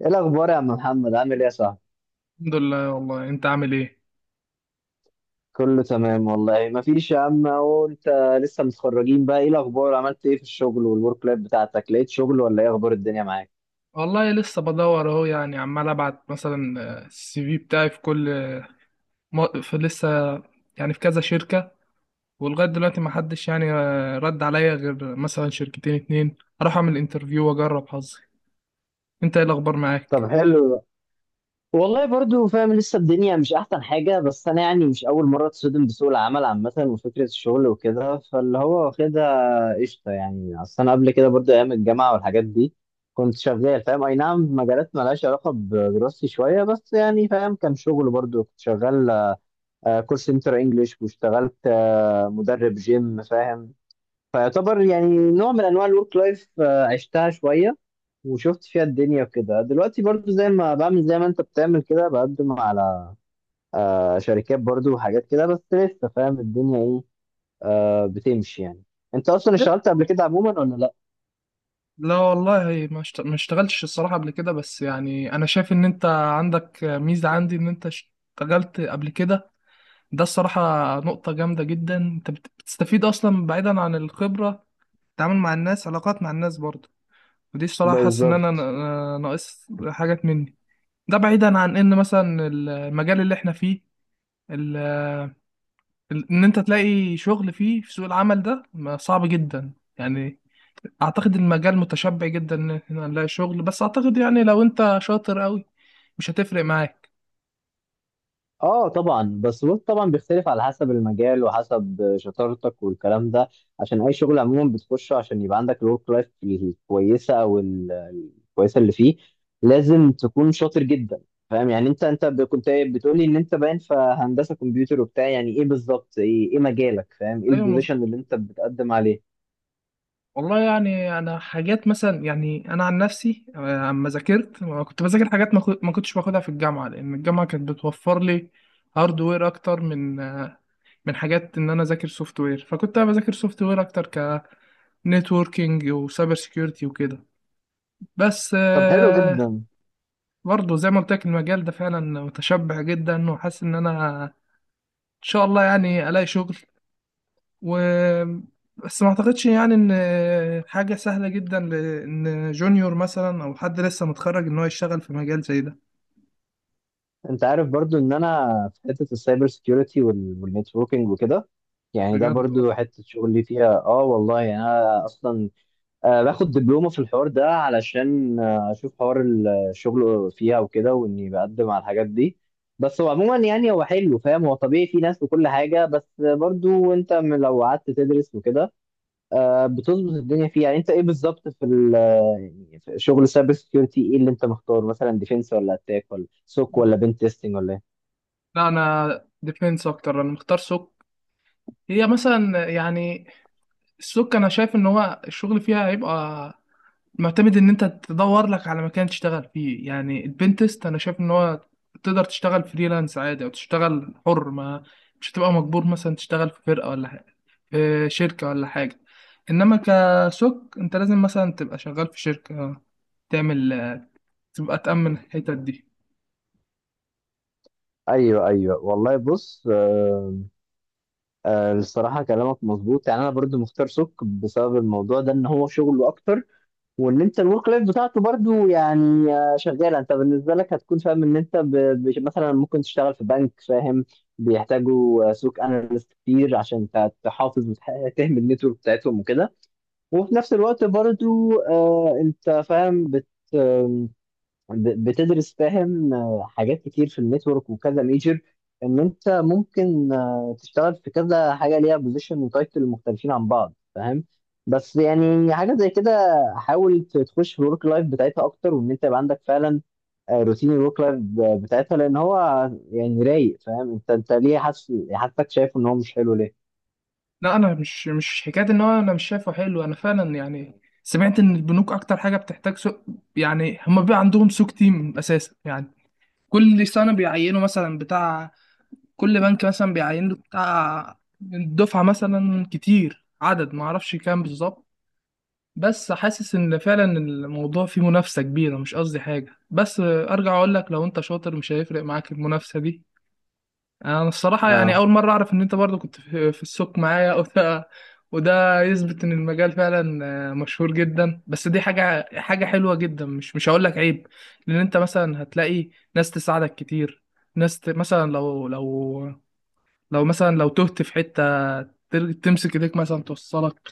ايه الاخبار يا عم محمد؟ عامل ايه يا صاحبي؟ الحمد لله. والله انت عامل ايه؟ كله تمام والله، ما فيش يا عم، اهو انت لسه متخرجين بقى. ايه الاخبار؟ عملت ايه في الشغل والورك لايف بتاعتك؟ لقيت شغل ولا ايه اخبار الدنيا معاك؟ والله لسه بدور اهو، يعني عمال ابعت مثلا السي في بتاعي في كل في لسه، يعني في كذا شركة. ولغاية دلوقتي ما حدش يعني رد عليا غير مثلا شركتين اتنين. اروح اعمل انترفيو واجرب حظي. انت ايه الاخبار طب معاك؟ حلو ده. والله برضو فاهم، لسه الدنيا مش احسن حاجه، بس انا يعني مش اول مره اتصدم بسوق العمل عامه وفكره الشغل وكده، فاللي هو واخدها قشطه. يعني اصل انا قبل كده برضو ايام الجامعه والحاجات دي كنت شغال، فاهم؟ اي نعم في مجالات مالهاش علاقه بدراستي شويه، بس يعني فاهم، كان شغل برضو. كنت شغال كول سنتر انجلش، واشتغلت مدرب جيم، فاهم؟ فيعتبر يعني نوع من انواع الورك لايف، عشتها شويه وشفت فيها الدنيا وكده. دلوقتي برضو زي ما بعمل، زي ما انت بتعمل كده، بقدم على شركات برضو وحاجات كده، بس لسه فاهم الدنيا ايه، بتمشي يعني. انت اصلا اشتغلت قبل كده عموما ولا لا؟ لا والله ما اشتغلتش الصراحة قبل كده، بس يعني انا شايف ان انت عندك ميزة عندي ان انت اشتغلت قبل كده. ده الصراحة نقطة جامدة جدا. انت بتستفيد اصلا بعيدا عن الخبرة، التعامل مع الناس، علاقات مع الناس برضه. ودي الصراحة حاسس إن أنا بالظبط. ناقص حاجات مني. ده بعيدا عن إن مثلا المجال اللي إحنا فيه، ال- إن أنت تلاقي شغل فيه في سوق العمل ده صعب جدا يعني. أعتقد المجال متشبع جدا إن إحنا نلاقي شغل، بس أعتقد يعني لو أنت شاطر أوي مش هتفرق معاك. اه طبعا، بس بص، طبعا بيختلف على حسب المجال وحسب شطارتك والكلام ده، عشان اي شغل عموما بتخشه عشان يبقى عندك الورك لايف الكويسه او الكويسه اللي فيه، لازم تكون شاطر جدا. فاهم يعني؟ كنت بتقولي ان انت باين في هندسه كمبيوتر وبتاع، يعني ايه بالظبط؟ ايه مجالك، فاهم؟ ايه أيوة. البوزيشن اللي انت بتقدم عليه؟ والله يعني انا حاجات مثلا، يعني انا عن نفسي، اما ذاكرت ما كنت بذاكر حاجات ما كنتش باخدها في الجامعه، لان الجامعه كانت بتوفر لي هاردوير اكتر من حاجات ان انا اذاكر سوفت وير. فكنت انا بذاكر سوفت وير اكتر، كنتوركينج وسايبر سيكيورتي وكده. بس طب حلو جدا. برضه زي ما قلت لك المجال ده فعلا متشبع جدا، وحاسس ان انا ان شاء الله يعني الاقي شغل، و بس ما اعتقدش يعني ان حاجة سهلة جدا لان جونيور مثلا او حد لسه متخرج ان هو يشتغل في مجال زي ده، انت عارف برضو ان انا في حته السايبر سيكيورتي والنتوركينج وكده، يعني ده بجد والله. برضو حته شغلي فيها. اه والله يعني انا اصلا آه باخد دبلومه في الحوار ده علشان آه اشوف حوار الشغل فيها وكده، واني بقدم على الحاجات دي. بس هو عموما يعني هو حلو، فاهم؟ هو طبيعي في ناس وكل حاجه، بس برضو لو قعدت تدرس وكده آه بتظبط الدنيا فيها. يعني انت ايه بالظبط في يعني في شغل السايبر سيكيورتي، ايه اللي انت مختار؟ مثلا ديفنس ولا اتاك ولا سوك ولا بنت تيستنج ولا ايه؟ لا، انا ديفينس اكتر. انا مختار سوق. هي مثلا يعني السوق، انا شايف ان هو الشغل فيها هيبقى معتمد ان انت تدور لك على مكان تشتغل فيه. يعني البنتست انا شايف ان هو تقدر تشتغل فريلانس عادي او تشتغل حر، ما مش هتبقى مجبور مثلا تشتغل في فرقة ولا حاجة، في شركة ولا حاجة. انما كسوك انت لازم مثلا تبقى شغال في شركة، تعمل، تبقى تأمن الحتت دي. ايوه ايوه والله، بص آه آه، الصراحه كلامك مظبوط. يعني انا برضو مختار سك بسبب الموضوع ده، ان هو شغله اكتر، وان انت الورك لايف بتاعته برضو يعني آه شغاله. انت بالنسبه لك هتكون فاهم ان انت مثلا ممكن تشتغل في بنك، فاهم؟ بيحتاجوا سوق اناليست كتير عشان تحافظ وتهمل النتورك بتاعتهم وكده. وفي نفس الوقت برضو آه انت فاهم بتدرس، فاهم؟ حاجات كتير في النتورك وكذا ميجر، ان انت ممكن تشتغل في كذا حاجه ليها بوزيشن وتايتل مختلفين عن بعض، فاهم؟ بس يعني حاجه زي كده، حاول تخش في الورك لايف بتاعتها اكتر، وان انت يبقى عندك فعلا روتين الورك لايف بتاعتها، لان هو يعني رايق، فاهم؟ انت ليه حاسس، حاسسك شايفه ان هو مش حلو ليه؟ لا، انا مش حكاية ان هو انا مش شايفه حلو. انا فعلا يعني سمعت ان البنوك اكتر حاجة بتحتاج سوق، يعني هما بيبقى عندهم سوق تيم اساسا يعني. كل سنة بيعينوا مثلا بتاع، كل بنك مثلا بيعين له بتاع دفعة مثلا كتير، عدد ما اعرفش كام بالظبط. بس حاسس ان فعلا الموضوع فيه منافسة كبيرة. مش قصدي حاجة، بس ارجع اقول لك لو انت شاطر مش هيفرق معاك المنافسة دي. انا الصراحة يعني اه اول مرة اعرف ان انت برضو كنت في السوق معايا وده يثبت ان المجال فعلا مشهور جدا. بس دي حاجة حلوة جدا. مش هقول لك عيب، لان انت مثلا هتلاقي ناس تساعدك كتير، ناس مثلا لو تهت في حتة، تمسك ايديك مثلا توصلك،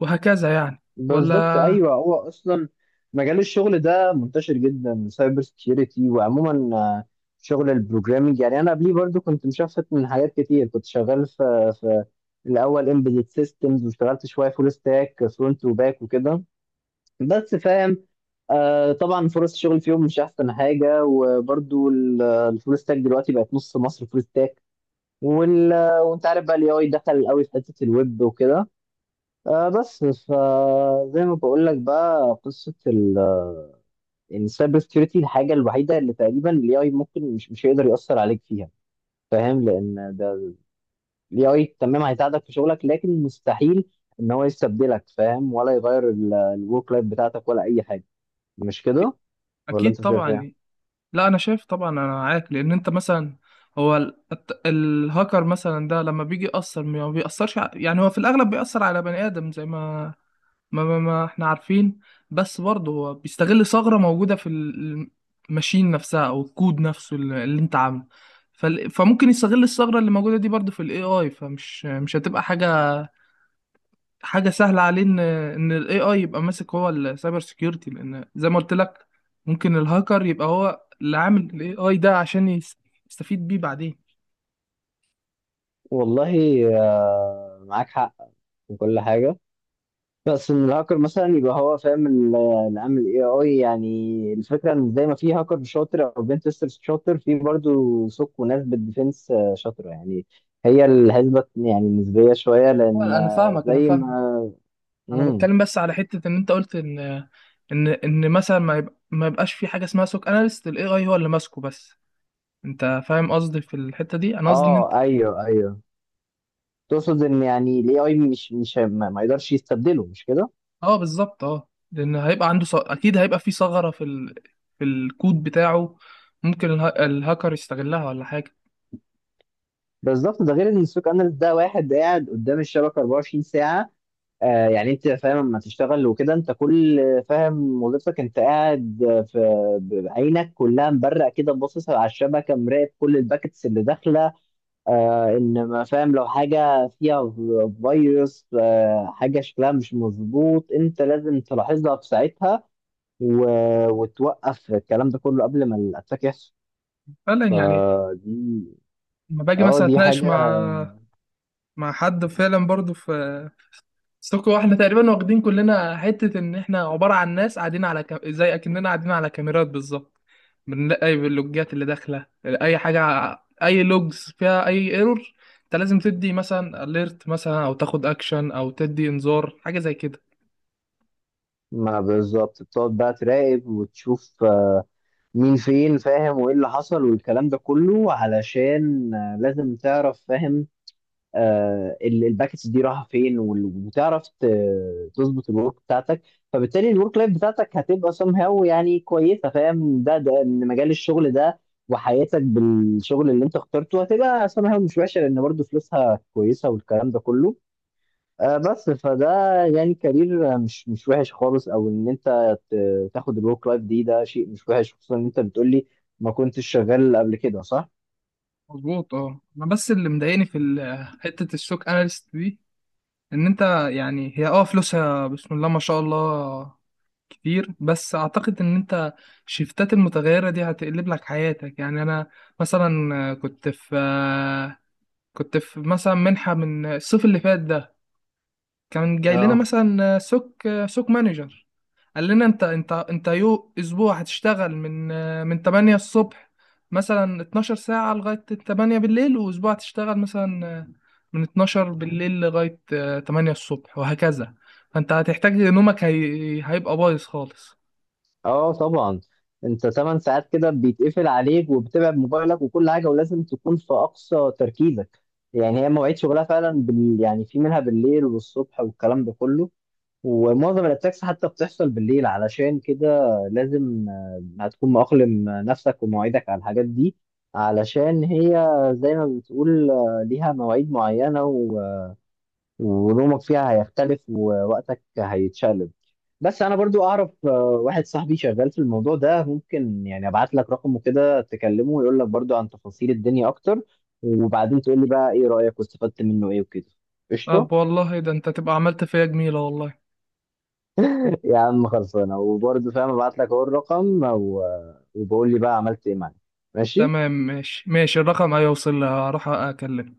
وهكذا يعني. بالظبط. ولا ايوه، هو اصلا مجال الشغل ده منتشر جدا سايبر سكيورتي، وعموما شغل البروجرامينج. يعني انا قبليه برضو كنت مشفت من حاجات كتير، كنت شغال في الاول امبيدد سيستمز، واشتغلت شويه فول ستاك فرونت وباك وكده، بس فاهم آه طبعا فرص الشغل فيهم مش احسن حاجه. وبرضو الفول ستاك دلوقتي بقت نص مصر فول ستاك، وال- وانت عارف بقى الاي اي دخل قوي في حته الويب وكده. آه بس فزي ما بقول لك بقى، قصه ان السايبر سكيورتي الحاجه الوحيده اللي تقريبا الاي اي ممكن مش هيقدر ياثر عليك فيها، فاهم؟ لان ده الاي اي تمام هيساعدك في شغلك، لكن مستحيل ان هو يستبدلك، فاهم؟ ولا يغير الورك لايف بتاعتك ولا اي حاجه. مش كده؟ ولا اكيد انت شايف طبعا ايه؟ يعني. لا، انا شايف طبعا انا معاك. لان انت مثلا، هو الهاكر مثلا ده لما بيجي يأثر، ما بيأثرش يعني، هو في الاغلب بيأثر على بني ادم زي ما احنا عارفين. بس برضه هو بيستغل ثغرة موجودة في الماشين نفسها او الكود نفسه اللي انت عامله. فممكن يستغل الثغرة اللي موجودة دي برضه في الاي اي. فمش مش هتبقى حاجه سهله عليه ان الاي اي يبقى ماسك هو السايبر سيكيورتي، لان زي ما قلت لك ممكن الهاكر يبقى هو اللي عامل الاي اي ده عشان يستفيد بيه بعدين. والله آه معاك حق في كل حاجه، بس الهاكر مثلا يبقى هو فاهم اللي عامل الاي اي. يعني الفكره ان زي ما في هاكر شاطر او بين تيستر شاطر، في برضو سوق وناس بالديفنس شاطره يعني، هي الحسبه يعني نسبيه شويه، هو لان انا فاهمك، انا زي فاهم. ما انا امم بتكلم بس على حته ان انت قلت ان مثلا ما يبقاش في حاجه اسمها سوك اناليست، الاي اي هو اللي ماسكه بس. انت فاهم قصدي في الحته دي. انا قصدي ان اه انت، ايوه ايوه، تقصد ان يعني الاي اي مش ما يقدرش يستبدله، مش كده؟ اه بالظبط، اه، لان هيبقى عنده اكيد هيبقى في ثغره في الكود بتاعه. ممكن الهاكر يستغلها ولا حاجه. بالظبط. ده غير ان السوق اناليست ده واحد قاعد قدام الشبكه 24 ساعه. آه يعني انت فاهم لما تشتغل وكده، انت كل، فاهم، وظيفتك انت قاعد في بعينك كلها مبرق كده، باصص على الشبكه، مراقب كل الباكتس اللي داخله. آه ان ما فاهم لو حاجه فيها فيروس آه حاجه شكلها مش مظبوط، انت لازم تلاحظها في ساعتها، و... وتوقف الكلام ده كله قبل ما الاتاك يحصل. فعلا يعني. فدي لما باجي اه مثلا دي اتناقش حاجه. مع حد فعلا برضو في سوكو، واحنا تقريبا واخدين كلنا حتة ان احنا عبارة عن ناس قاعدين على زي اكننا قاعدين على كاميرات بالظبط. بنلاقي اي اللوجات اللي داخلة، اي حاجة، اي لوجز فيها اي ايرور، انت لازم تدي مثلا اليرت مثلا، او تاخد اكشن، او تدي انذار، حاجة زي كده. ما بالظبط، بتقعد بقى تراقب وتشوف مين فين، فاهم، وايه اللي حصل، والكلام ده كله، علشان لازم تعرف، فاهم، الباكتس دي رايحه فين، وتعرف تظبط الورك بتاعتك. فبالتالي الورك لايف بتاعتك هتبقى سم هاو يعني كويسه، فاهم؟ ده ان مجال الشغل ده وحياتك بالشغل اللي انت اخترته هتبقى سم هاو مش وحشه، لان برضه فلوسها كويسه والكلام ده كله، بس فده يعني كارير مش وحش خالص. او ان انت تاخد الورك لايف دي، ده شيء مش وحش، خصوصا ان انت بتقولي ما كنتش شغال قبل كده، صح؟ مظبوط، اه. انا بس اللي مضايقني في حتة السوك اناليست دي، ان انت يعني هي اه فلوسها بسم الله ما شاء الله كتير، بس اعتقد ان انت الشيفتات المتغيرة دي هتقلب لك حياتك. يعني انا مثلا كنت في مثلا منحة من الصيف اللي فات ده، كان جاي لنا اه. مثلا سوق مانجر، قال لنا انت اسبوع هتشتغل من 8 الصبح، مثلا 12 ساعة لغاية 8 بالليل، واسبوع هتشتغل مثلا من 12 بالليل لغاية 8 الصبح، وهكذا. فانت هتحتاج نومك هيبقى بايظ خالص. اه طبعا، انت 8 ساعات كده بيتقفل عليك، وبتبعد موبايلك وكل حاجه، ولازم تكون في اقصى تركيزك. يعني هي مواعيد شغلها فعلا يعني في منها بالليل والصبح والكلام ده كله، ومعظم الاتاكس حتى بتحصل بالليل، علشان كده لازم هتكون مأقلم نفسك ومواعيدك على الحاجات دي، علشان هي زي ما بتقول ليها مواعيد معينة ونومك فيها هيختلف ووقتك هيتشقلب. بس انا برضو اعرف واحد صاحبي شغال في الموضوع ده، ممكن يعني ابعت لك رقمه كده، تكلمه ويقول لك برضو عن تفاصيل الدنيا اكتر، وبعدين تقول لي بقى ايه رأيك واستفدت منه ايه وكده. طب قشطة. والله ده انت تبقى عملت فيا جميلة والله. يا عم خلصانه، وبرضه فاهم ابعت لك اهو الرقم وبقول لي بقى عملت ايه معايا. ماشي. تمام ماشي، ماشي. الرقم هيوصل لي، هروح اكلمه.